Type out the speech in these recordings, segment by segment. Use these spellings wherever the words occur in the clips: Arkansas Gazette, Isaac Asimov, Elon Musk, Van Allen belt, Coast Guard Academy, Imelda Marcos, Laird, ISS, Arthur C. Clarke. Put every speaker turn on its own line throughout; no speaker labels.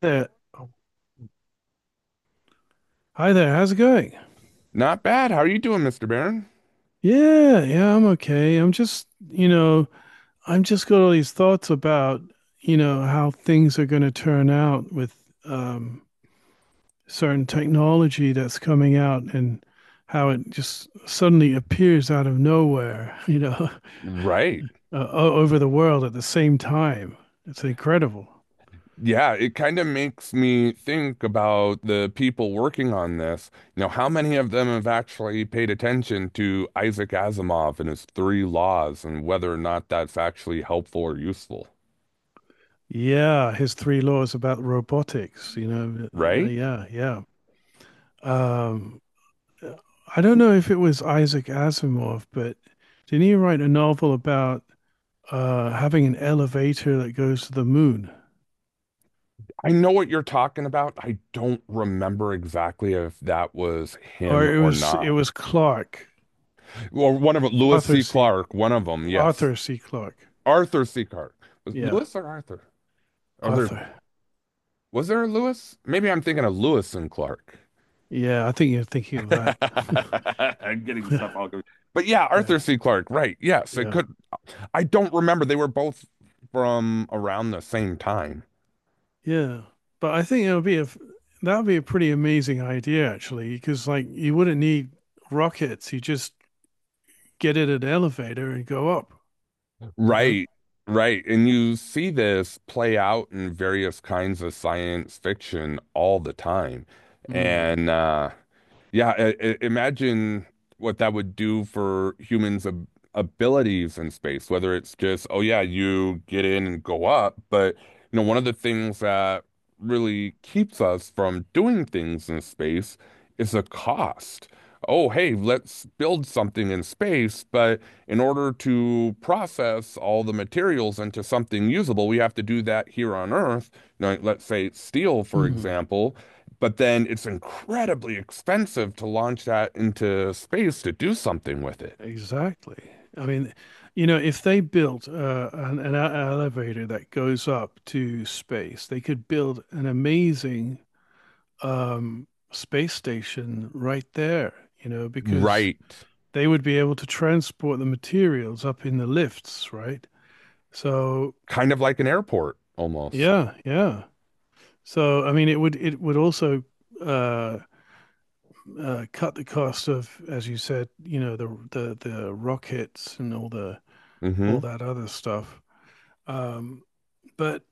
There. Oh, hi there. How's it going?
Not bad. How are you doing, Mr. Barron?
Yeah, yeah, I'm okay. I'm just, you know, I'm just got all these thoughts about, you know, how things are going to turn out with um, certain technology that's coming out and how it just suddenly appears out of nowhere, you know,
Right.
over the world at the same time. It's incredible.
Yeah, it kind of makes me think about the people working on this. You know, how many of them have actually paid attention to Isaac Asimov and his three laws and whether or not that's actually helpful or useful,
Yeah, his three laws about robotics, you know,
right?
yeah. Um, I don't know if it was Isaac Asimov, but didn't he write a novel about having an elevator that goes to the moon?
I know what you're talking about. I don't remember exactly if that was
Or
him
it
or
was
not.
it was Clark,
Or one of them, Lewis
Arthur
C.
C.
Clark, one of them, yes.
Arthur C. Clarke.
Arthur C. Clark. Was it
Yeah,
Lewis or Arthur? Are there?
Arthur.
Was there a Lewis? Maybe I'm thinking of Lewis and Clark.
Yeah, I think you're thinking of that.
I'm getting stuff all confused. But yeah, Arthur C. Clarke, right. Yes, it
Yeah,
could. I don't remember. They were both from around the same time.
yeah. But I think it would be a that would be a pretty amazing idea actually, because like you wouldn't need rockets. You just get in an elevator and go up. You know.
Right, right. And you see this play out in various kinds of science fiction all the time.
Mm.
And Yeah, imagine what that would do for humans' ab abilities in space, whether it's just, oh yeah, you get in and go up, but you know, one of the things that really keeps us from doing things in space is the cost. Oh, hey, let's build something in space, but in order to process all the materials into something usable, we have to do that here on Earth. Now, let's say steel, for
Mm.
example. But then it's incredibly expensive to launch that into space to do something with it.
Exactly. I mean, you know, if they built an elevator that goes up to space, they could build an amazing space station right there, you know, because
Right.
they would be able to transport the materials up in the lifts, right? So,
Kind of like an airport almost.
yeah, yeah. So, I mean, it would also uh, cut the cost of, as you said, you know, the rockets and all the
mm
all
hmm
that other stuff. Um, but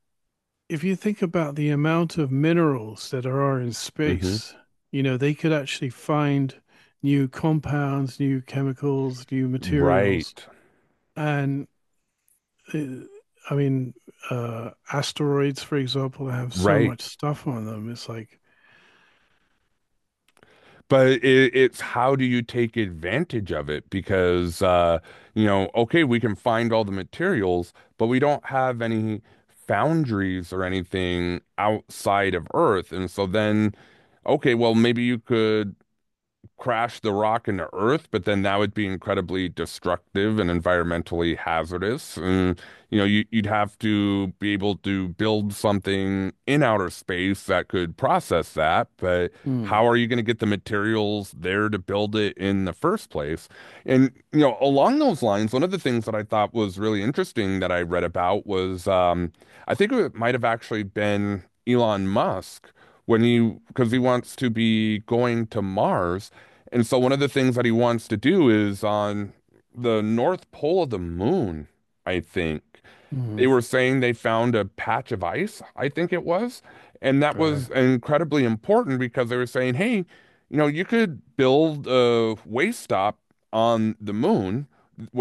if you think about the amount of minerals that are in
mm hmm
space, you know, they could actually find new compounds, new chemicals, new materials.
Right.
And uh, I mean, asteroids, for example, have so
Right.
much stuff on them. It's like,
But it's how do you take advantage of it? Because you know, okay, we can find all the materials, but we don't have any foundries or anything outside of Earth. And so then, okay, well, maybe you could crash the rock into Earth, but then that would be incredibly destructive and environmentally hazardous. And, you know, you'd have to be able to build something in outer space that could process that, but
hmm,
how are you going to get the materials there to build it in the first place? And, you know, along those lines, one of the things that I thought was really interesting that I read about was I think it might have actually been Elon Musk when he because he wants to be going to Mars, and so one of the things that he wants to do is on the North Pole of the moon, I think
hmm,
they were saying they found a patch of ice, I think it was. And that
right.
was incredibly important because they were saying, hey, you know, you could build a waste stop on the moon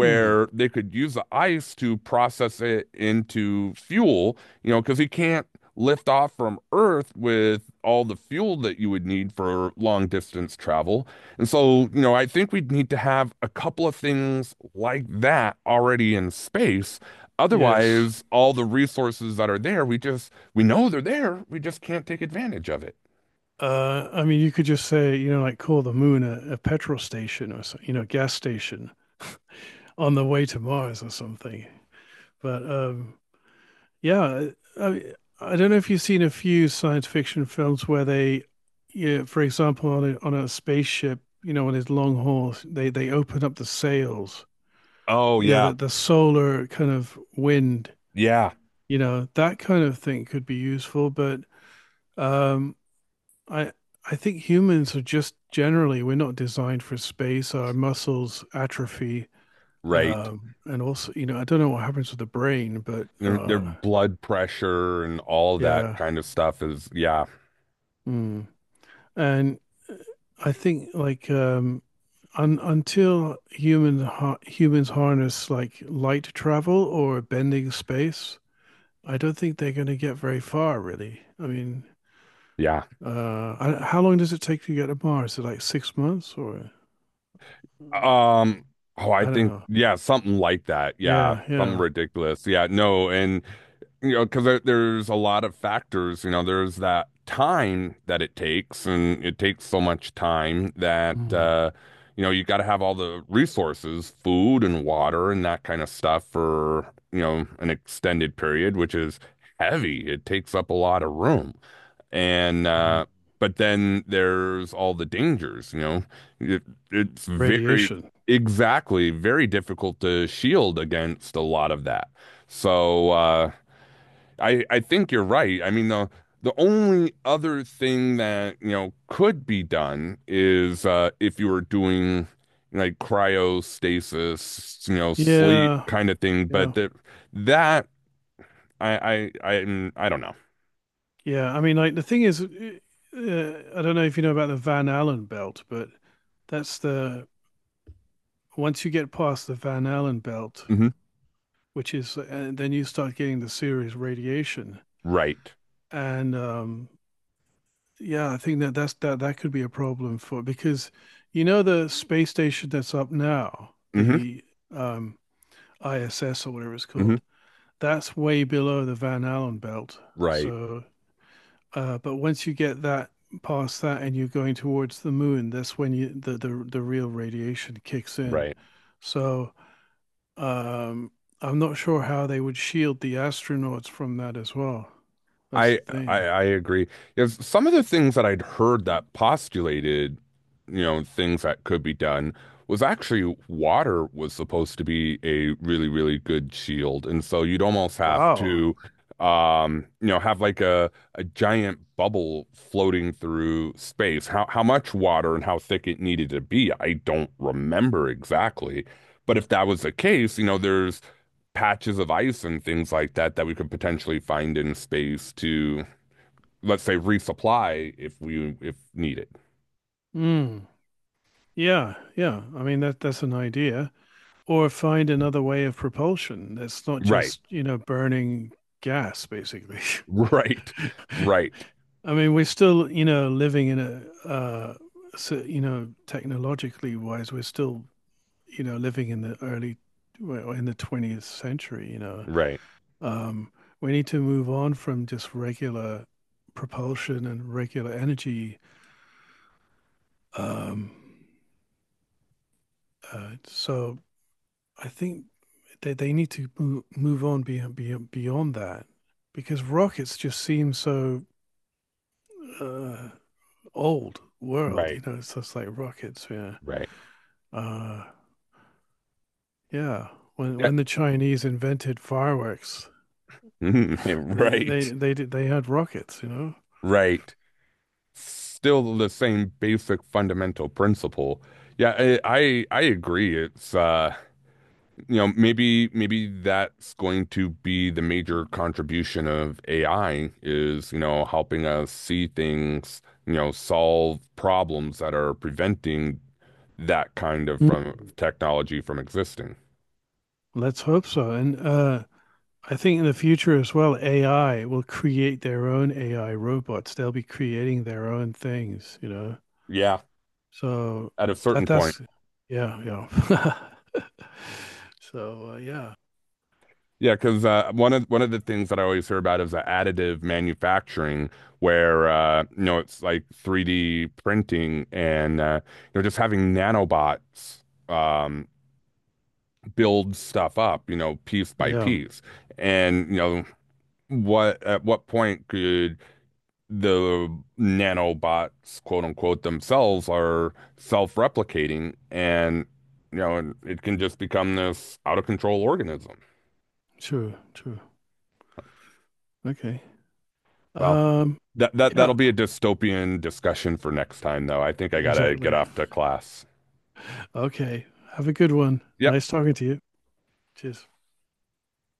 Hmm,
they could use the ice to process it into fuel, you know, because you can't lift off from Earth with all the fuel that you would need for long distance travel. And so, you know, I think we'd need to have a couple of things like that already in space.
yes.
Otherwise, all the resources that are there, we just, we know they're there. We just can't take advantage of it.
I mean, you could just say, you know, like call the moon a petrol station or so, you know, gas station on the way to Mars or something. But yeah, I, I don't know if you've seen a few science fiction films where they, yeah, for example, on a spaceship, you know, on his long horse, they open up the sails,
Oh,
you know,
yeah.
that the solar kind of wind,
Yeah.
you know, that kind of thing could be useful. But um, I I think humans are just generally we're not designed for space. Our muscles atrophy,
Right.
and also, you know, I don't know what happens with the brain, but
Their blood pressure and all that
yeah.
kind of stuff is, yeah.
Hmm. And uh, I think like un until humans harness like light travel or bending space, I don't think they're going to get very far, really. I mean,
Yeah.
how long does it take to get to Mars? Is it like 6 months or
Um, oh, I
I don't
think,
know.
yeah, something like that. Yeah.
Yeah,
Something
yeah.
ridiculous. Yeah. No. And, you know, because there's a lot of factors. You know, there's that time that it takes, and it takes so much time that
Mm,
you know you got to have all the resources, food and water and that kind of stuff for you know an extended period, which is heavy. It takes up a lot of room, and
mm.
but then there's all the dangers. You know, it, it's very
Radiation.
exactly very difficult to shield against a lot of that. So, I think you're right. I mean the only other thing that you know could be done is if you were doing like cryostasis, you know, sleep
Yeah,
kind of thing. But
yeah,
that I don't know.
yeah. I mean, like the thing is, I don't know if you know about the Van Allen belt, but that's the once you get past the Van Allen belt,
Hmm.
which is, and then you start getting the serious radiation.
Right.
And yeah, I think that that could be a problem for because you know the space station that's up now,
Hmm.
the um, ISS or whatever it's
Hmm.
called, that's way below the Van Allen belt.
Right.
So, but once you get that past that and you're going towards the moon, that's when you the real radiation kicks in.
Right.
So Um, I'm not sure how they would shield the astronauts from that as well. That's
I
the
I
thing.
I agree. Yes, some of the things that I'd heard that postulated, you know, things that could be done was actually water was supposed to be a really, really good shield. And so you'd almost have
Wow.
to you know, have like a giant bubble floating through space. How much water and how thick it needed to be, I don't remember exactly. But if that was the case, you know, there's patches of ice and things like that that we could potentially find in space to, let's say, resupply if we if needed.
Mm. Yeah, yeah. I mean that's an idea. Or find another way of propulsion that's not
Right.
just, you know, burning gas, basically.
Right. Right.
I mean, we're still, you know, living in a so, you know, technologically wise, we're still, you know, living in the early well, in the 20th century, you know.
Right.
Um, we need to move on from just regular propulsion and regular energy. Um, so I think they need to move on beyond that because rockets just seem so uh, old world,
Right.
you know, it's just like rockets, yeah.
Right.
Uh, yeah. When
Yeah.
when the Chinese invented fireworks,
Right.
they had rockets, you know.
Right. Still the same basic fundamental principle. Yeah, I agree. It's you know, maybe that's going to be the major contribution of AI is, you know, helping us see things, you know, solve problems that are preventing that kind of
Mm.
from technology from existing.
Let's hope so. And I think in the future as well, AI will create their own AI robots. They'll be creating their own things, you know.
Yeah,
So
at a certain
that
point.
that's yeah, yeah. So yeah,
Yeah, because one of the things that I always hear about is the additive manufacturing, where you know it's like 3D printing and you know just having nanobots um, build stuff up, you know, piece by
yeah,
piece. And, you know, what at what point could the nanobots, quote unquote, themselves are self-replicating and, you know, it can just become this out of control organism.
true, true. Okay.
Well,
Um,
that that
yeah,
that'll be a dystopian discussion for next time, though. I think I gotta get
exactly.
off to class.
Okay. Have a good one.
Yep.
Nice talking to you. Cheers.